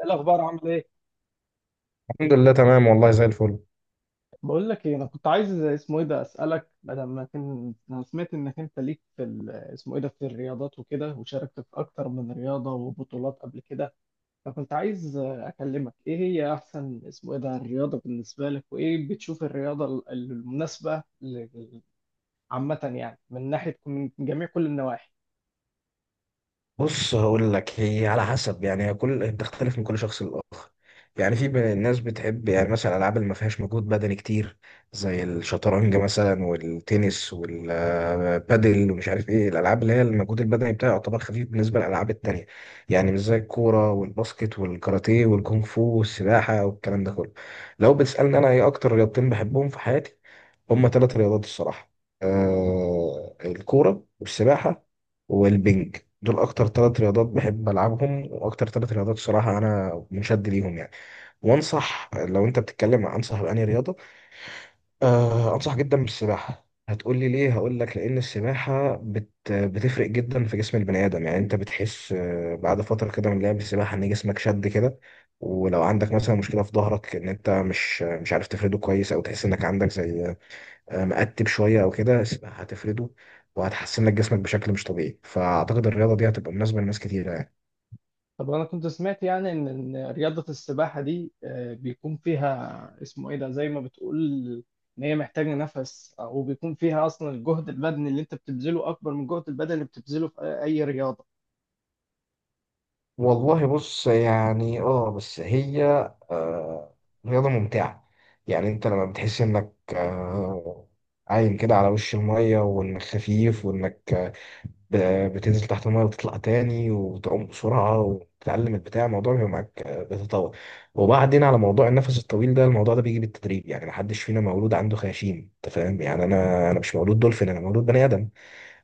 إيه الاخبار؟ عامل ايه؟ الحمد لله تمام والله زي الفل. بقول لك ايه، انا كنت عايز اسمه ايه ده اسالك، بدل ما كان. انا سمعت انك انت ليك في اسمه ايه ده في الرياضات وكده، وشاركت في اكتر من رياضه وبطولات قبل كده. فكنت عايز اكلمك، ايه هي احسن اسمه ايه ده الرياضه بالنسبه لك، وايه بتشوف الرياضه المناسبه عامه، يعني من ناحيه، من جميع كل النواحي. بص هقول لك، هي على حسب، يعني هي كل بتختلف من كل شخص للآخر. يعني في بين الناس بتحب يعني مثلا الألعاب اللي ما فيهاش مجهود بدني كتير، زي الشطرنج مثلا والتنس والبادل ومش عارف ايه، الألعاب اللي هي المجهود البدني بتاعها يعتبر خفيف بالنسبة للألعاب التانية. يعني مش زي الكورة والباسكت والكاراتيه والكونغ فو والسباحة والكلام ده كله. لو بتسألني أنا ايه أكتر رياضتين بحبهم في حياتي، هما 3 رياضات الصراحة. الكورة والسباحة والبنج، دول أكتر 3 رياضات بحب ألعبهم، وأكتر 3 رياضات الصراحة أنا منشد ليهم يعني. وأنصح، لو أنت بتتكلم عن أنصح بأنهي رياضة، أنصح جدا بالسباحة. هتقول لي ليه؟ هقول لك لأن السباحة بتفرق جدا في جسم البني آدم. يعني أنت بتحس بعد فترة كده من لعب السباحة إن جسمك شد كده. ولو عندك مثلا مشكلة في ظهرك، إن أنت مش عارف تفرده كويس، أو تحس إنك عندك زي مقتب شويه او كده، هتفرده. وهتحسن لك جسمك بشكل مش طبيعي، فاعتقد الرياضه دي هتبقى مناسبه لناس كتيره يعني. طب، انا كنت سمعت يعني ان رياضة السباحة دي بيكون فيها اسمه ايه ده زي ما بتقول ان هي محتاجة نفس، او بيكون فيها اصلا الجهد البدني اللي انت بتبذله اكبر من الجهد البدني اللي بتبذله في اي رياضة. والله بص، يعني بس هي آه رياضة ممتعة. يعني انت لما بتحس انك عايم كده على وش المية، وانك خفيف، وانك ب- بتنزل تحت الميه وتطلع تاني، وتعوم بسرعه، وتتعلم البتاع، الموضوع بيبقى معاك بيتطور. وبعدين على موضوع النفس الطويل ده، الموضوع ده بيجي بالتدريب. يعني محدش فينا مولود عنده خياشيم، انت فاهم؟ يعني انا أيوة، مش مولود دولفين، انا مولود بني ادم.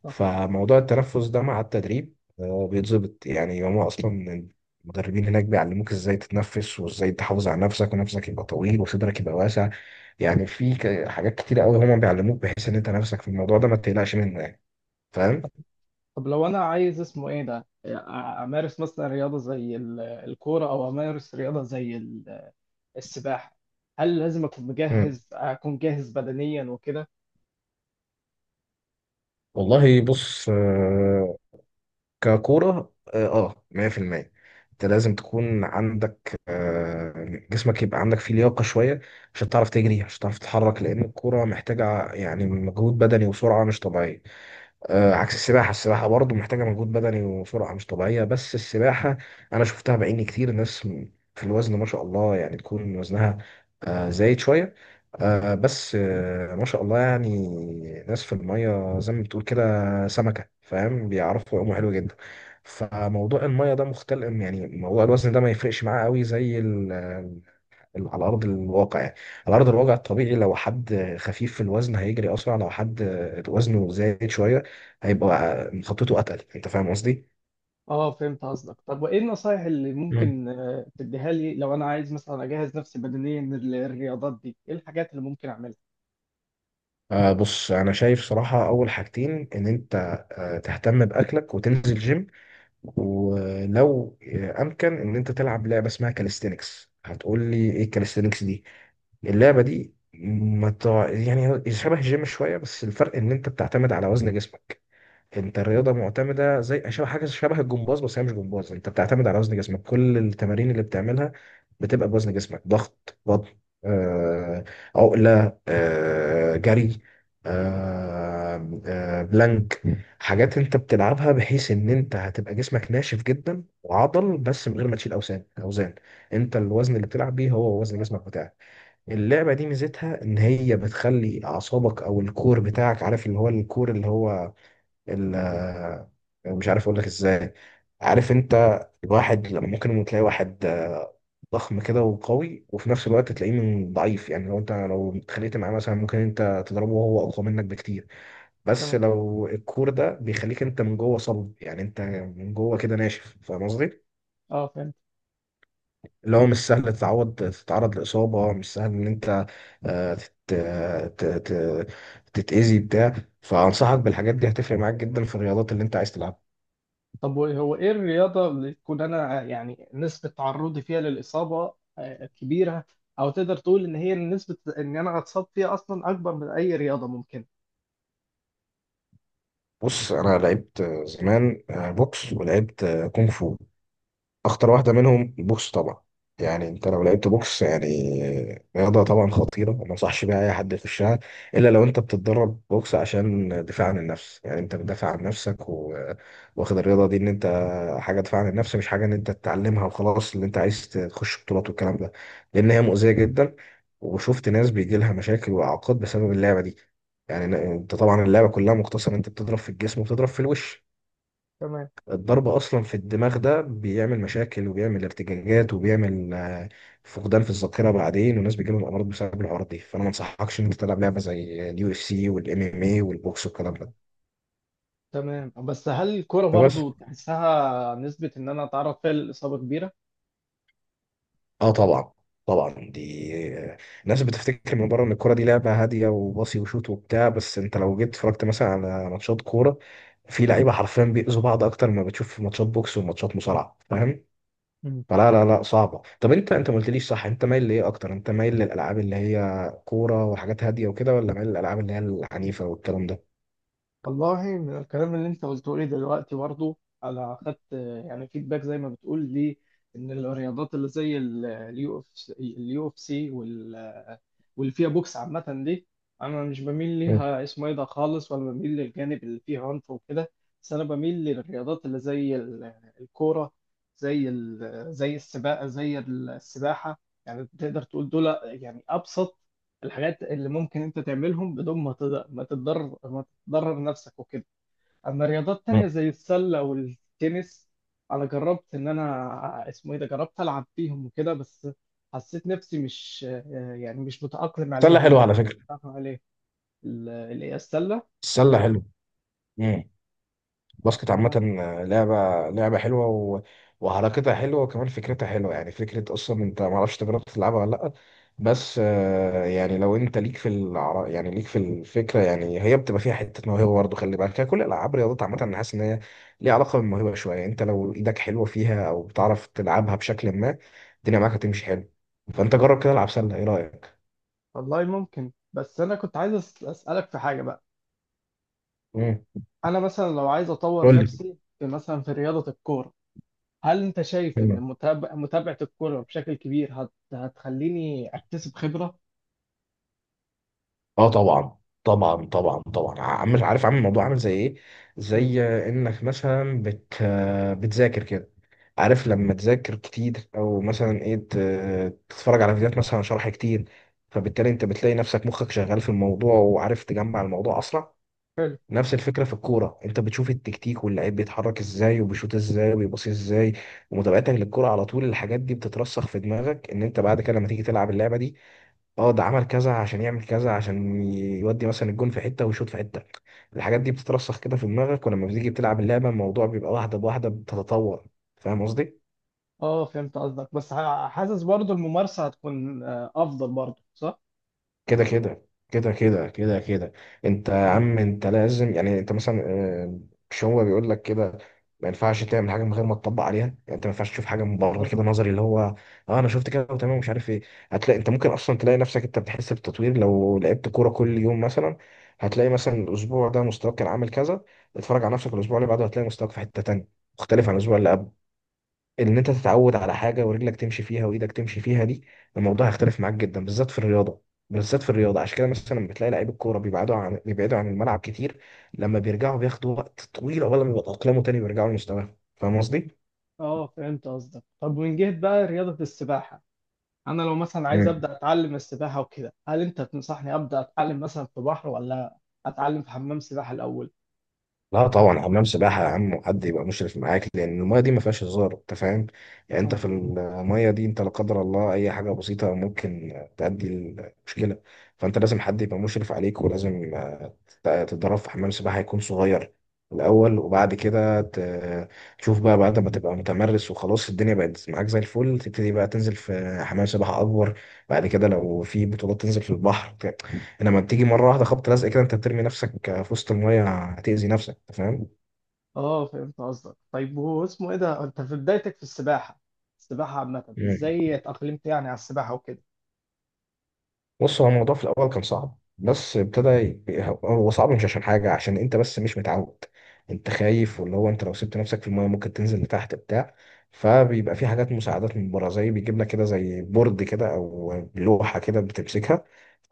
صح. فموضوع التنفس ده مع التدريب بيتظبط. يعني هما اصلا المدربين هناك بيعلموك ازاي تتنفس، وازاي تحافظ على نفسك، ونفسك يبقى طويل، وصدرك يبقى واسع. يعني في حاجات كتيرة قوي هما بيعلموك، بحيث ان انت نفسك في الموضوع ده ما تقلقش منه يعني. فاهم؟ طب لو انا عايز اسمه ايه ده امارس مثلا رياضة زي الكورة، او امارس رياضة زي السباحة، هل لازم اكون جاهز بدنيا وكده؟ والله بص، ككورة 100%. انت لازم تكون عندك، جسمك يبقى عندك فيه لياقة شوية، عشان تعرف تجري، عشان تعرف تتحرك، لأن الكورة محتاجة يعني مجهود بدني وسرعة مش طبيعية. عكس السباحة. السباحة برضه محتاجة مجهود بدني وسرعة مش طبيعية، بس السباحة أنا شفتها بعيني، كتير ناس في الوزن ما شاء الله، يعني تكون وزنها زايد شوية، بس ما شاء الله يعني، ناس في المية زي ما بتقول كده سمكة، فاهم؟ بيعرفوا يعوموا حلو جدا. فموضوع المية ده مختلف، يعني موضوع الوزن ده ما يفرقش معاه قوي زي على ارض الواقع يعني. على ارض الواقع الطبيعي، لو حد خفيف في الوزن هيجري اسرع، لو حد وزنه زايد شويه هيبقى خطته اتقل. انت فاهم قصدي؟ اه فهمت قصدك. طب وايه النصايح اللي مم. ممكن تديها لي، لو انا عايز مثلا اجهز نفسي بدنيا للرياضات دي؟ ايه الحاجات اللي ممكن اعملها؟ بص، انا شايف صراحة اول حاجتين ان انت تهتم باكلك، وتنزل جيم. ولو امكن، ان انت تلعب لعبة اسمها كاليستينكس. هتقول لي ايه الكاليستينكس دي؟ اللعبة دي ما تع... يعني هي شبه الجيم شوية، بس الفرق ان انت بتعتمد على وزن جسمك. انت مم. الرياضه معتمده زي شبه حاجه، شبه الجمباز، بس هي مش جمباز. انت بتعتمد على وزن جسمك، كل التمارين اللي بتعملها بتبقى بوزن جسمك: ضغط، بطن آه، عقله، جري، بلانك. حاجات انت بتلعبها، بحيث ان انت هتبقى جسمك ناشف جدا وعضل، بس من غير ما تشيل اوزان اوزان. انت الوزن اللي بتلعب بيه هو وزن جسمك بتاعك. اللعبه دي ميزتها ان هي بتخلي اعصابك او الكور بتاعك، عارف اللي هو الكور، اللي هو ال- آه، مش عارف اقول لك ازاي. عارف انت الواحد لما ممكن تلاقي واحد ضخم كده وقوي، وفي نفس الوقت مم. تلاقيه من ضعيف. يعني لو اتخانقت معاه مثلا ممكن انت تضربه وهو اقوى منك بكتير. بس تمام. لو الكور ده بيخليك انت من جوه صلب، يعني انت من جوه كده ناشف. فاهم قصدي؟ اه فهمت. اللي هو مش سهل تتعود تتعرض لإصابة، مش سهل إن أنت آه، تت... ت... ت... تتأذي بتاع. فأنصحك بالحاجات دي، هتفرق معاك جدا في الرياضات اللي أنت عايز تلعبها. طب، هو ايه الرياضة اللي تكون انا يعني نسبة تعرضي فيها للإصابة كبيرة؟ او تقدر تقول ان هي نسبة ان انا اتصاب فيها اصلا اكبر من اي رياضة ممكن؟ بص، انا لعبت زمان بوكس، ولعبت كونغ فو. اخطر مم. واحده منهم بوكس طبعا. يعني انت لو مم. لعبت بوكس يعني رياضه طبعا خطيره، وما انصحش بيها اي حد يخشها، الا لو انت بتتدرب بوكس عشان دفاع عن النفس. يعني انت بتدافع عن نفسك، و... واخد الرياضه دي ان انت حاجه دفاع عن النفس، مش حاجه ان انت تتعلمها وخلاص اللي انت عايز تخش بطولات والكلام ده، لان هي مؤذيه جدا. وشفت ناس بيجي لها مشاكل واعاقات بسبب اللعبه دي. يعني انت طبعا اللعبه كلها مقتصره، انت بتضرب في الجسم وبتضرب في الوش. تمام. الضرب اصلا في الدماغ ده بيعمل مشاكل، وبيعمل ارتجاجات، وبيعمل فقدان في الذاكره بعدين، والناس بيجيلهم امراض بسبب الحوارات دي، فانا ما انصحكش ان انت تلعب لعبه زي اليو اف سي والام ام اي والبوكس والكلام مم. ده. تمام. بس هل الكرة فبس برضو تحسها نسبة ان انا اتعرض فيها للإصابة كبيرة؟ اه طبعا، طبعا دي آه، الناس بتفتكر من بره ان الكوره دي لعبه هاديه، وباصي وشوت وبتاع، بس انت لو جيت اتفرجت مثلا على ماتشات كوره، في لعيبه حرفيا بيأذوا بعض اكتر ما بتشوف في ماتشات بوكس وماتشات مصارعه. فاهم؟ فلا لا لا، صعبة. طب انت ما قلتليش، صح؟ انت مايل لايه اكتر؟ انت مايل للالعاب اللي هي كورة وحاجات هادية وكده، ولا مايل للالعاب اللي هي العنيفة والكلام ده؟ والله، من الكلام اللي انت قلته لي دلوقتي برضه، انا اخدت يعني فيدباك زي ما بتقول لي ان الرياضات اللي زي اليو اف سي واللي فيها بوكس عامه دي، انا مش بميل مم. ليها اسمه ايه ده خالص، ولا بميل للجانب اللي فيه عنف وكده. بس انا بميل للرياضات اللي زي الكوره، زي السباقه، زي السباحه. يعني تقدر تقول دول يعني ابسط الحاجات اللي ممكن انت تعملهم، بدون ما تتضرر ضرر نفسك وكده. اما رياضات مم. تانية زي السلة والتنس، انا جربت ان انا اسمه ايه ده جربت العب فيهم وكده، بس حسيت نفسي مش، يعني مش متأقلم السلة حلوة عليهم. على فكرة. متأقلم عليه. إيه، السلة. السلة حلوة. آه، باسكت عامة ما. آه، لعبة، لعبة حلوة، و... وحركتها حلوة، وكمان فكرتها حلوة. يعني فكرة أصلا. أنت معرفش تجربت تلعبها ولا لأ؟ بس يعني لو أنت يعني ليك في الفكرة، يعني هي بتبقى فيها حتة موهبة برضه، خلي بالك. هي كل الألعاب، الرياضات عامة، أنا حاسس إن هي ليها علاقة بالموهبة شوية. أنت لو إيدك حلوة فيها أو بتعرف تلعبها بشكل ما، الدنيا معاك هتمشي حلو. فأنت جرب كده العب سلة، إيه رأيك؟ والله ممكن، بس انا كنت عايز اسألك في حاجة بقى. مم. انا مثلا لو عايز اطور قول نفسي في مثلا في رياضة الكورة. هل انت شايف لي. ان متابعة الكورة بشكل كبير هتخليني اكتسب خبرة؟ اه طبعا طبعا طبعا طبعا. عارف، عامل الموضوع عامل زي ايه؟ مم. زي انك مثلا بتذاكر كده. عارف لما تذاكر كتير، او مثلا ايه، تتفرج على فيديوهات مثلا شرح كتير، فبالتالي انت بتلاقي نفسك مخك شغال في الموضوع وعارف تجمع الموضوع اسرع. نفس الفكره في الكوره. انت بتشوف التكتيك، واللعيب بيتحرك ازاي، وبيشوط ازاي، وبيباصي ازاي، ومتابعتك للكوره على طول، الحاجات دي بتترسخ في دماغك. ان انت بعد كده لما تيجي تلعب اللعبه دي، اه ده عمل كذا عشان يعمل كذا، عشان يودي مثلا الجون في حته ويشوط في حته. الحاجات دي بتترسخ كده في دماغك، ولما بتيجي بتلعب اللعبه الموضوع بيبقى واحده بواحده بتتطور. فاهم قصدي؟ اه فهمت قصدك، بس حاسس برضو الممارسة هتكون افضل برضو، صح؟ كده كده كده كده كده كده. انت يا مم. عم انت لازم، يعني انت مثلا آه، مش هو بيقول لك كده، ما ينفعش تعمل حاجه من غير ما تطبق عليها. يعني انت ما ينفعش تشوف حاجه من بره بالظبط. كده، نظري، اللي هو اه انا شفت كده وتمام مش عارف ايه. هتلاقي انت ممكن اصلا تلاقي نفسك انت بتحس بالتطوير لو لعبت كوره كل يوم مثلا. هتلاقي مثلا الاسبوع ده مستواك كان عامل كذا، اتفرج على نفسك الاسبوع اللي بعده، هتلاقي مستواك في حته تانيه مختلف عن الاسبوع اللي قبله. ان انت تتعود على حاجه ورجلك تمشي فيها وايدك تمشي فيها دي، الموضوع هيختلف معاك جدا، بالذات في الرياضه. عشان كده مثلا لما بتلاقي لعيب الكوره بيبعدوا عن الملعب كتير، لما بيرجعوا بياخدوا وقت طويل عقبال ما يتاقلموا تاني ويرجعوا لمستواهم. فاهم قصدي؟ اه فهمت قصدك. طب من جهة بقى رياضة السباحة، انا لو مثلا عايز مم. ابدا اتعلم السباحة وكده، هل انت تنصحني ابدا اتعلم مثلا في بحر، ولا اتعلم في حمام سباحة الاول؟ لا طبعا، حمام سباحه يا عم، وحد يبقى مشرف معاك، لان المايه دي ما فيهاش هزار، انت فاهم. يعني انت اه. في المايه دي، انت لا قدر الله اي حاجه بسيطه ممكن تؤدي المشكله. فانت لازم حد يبقى مشرف عليك، ولازم تتدرب في حمام سباحة هيكون صغير الأول، وبعد كده تشوف بقى بعد ما تبقى متمرس وخلاص الدنيا بقت معاك زي الفل، تبتدي بقى تنزل في حمام سباحة أكبر. بعد كده لو في بطولات تنزل في البحر، إنما تيجي مرة واحدة خبط لزق كده أنت بترمي نفسك في وسط المية، هتأذي نفسك أنت. اه فهمت قصدك. طيب هو اسمه ايه ده انت في بدايتك في السباحة، السباحة عامة فاهم؟ ازاي اتأقلمت يعني على السباحة وكده؟ بص، هو الموضوع في الاول كان صعب، بس ابتدى هو صعب مش عشان حاجه، عشان انت بس مش متعود. انت خايف، واللي هو انت لو سبت نفسك في المايه ممكن تنزل لتحت بتاع، فبيبقى في حاجات مساعدات من بره، زي بيجيب لك كده زي بورد كده او لوحه كده بتمسكها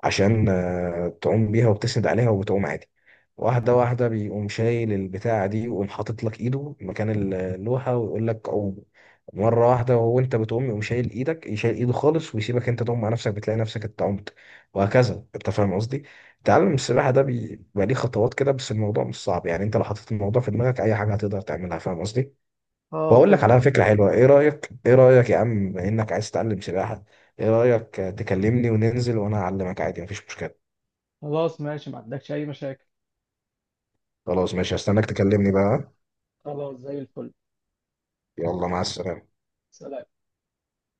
عشان تعوم بيها وبتسند عليها وبتعوم عادي. واحدة واحدة بيقوم شايل البتاعة دي، ويقوم حاطط لك ايده مكان اللوحة ويقول لك قوم. مرة واحدة وانت بتقوم يقوم شايل ايدك، يشيل ايده خالص ويسيبك انت تقوم مع نفسك، بتلاقي نفسك انت قمت. وهكذا. انت فاهم قصدي؟ تعلم السباحة ده بيبقى ليه خطوات كده، بس الموضوع مش صعب. يعني انت لو حطيت الموضوع في دماغك اي حاجة هتقدر تعملها. فاهم قصدي؟ اه بقول لك فهمت على قصدك. فكرة حلوة، ايه رأيك؟ ايه رأيك يا عم، بما انك عايز تتعلم سباحة؟ ايه رأيك تكلمني وننزل وانا اعلمك عادي، مفيش مشكلة. خلاص ماشي، ما عندكش اي مشاكل. خلاص ماشي، هستناك تكلمني بقى. خلاص زي الفل. يلا مع السلامة. سلام.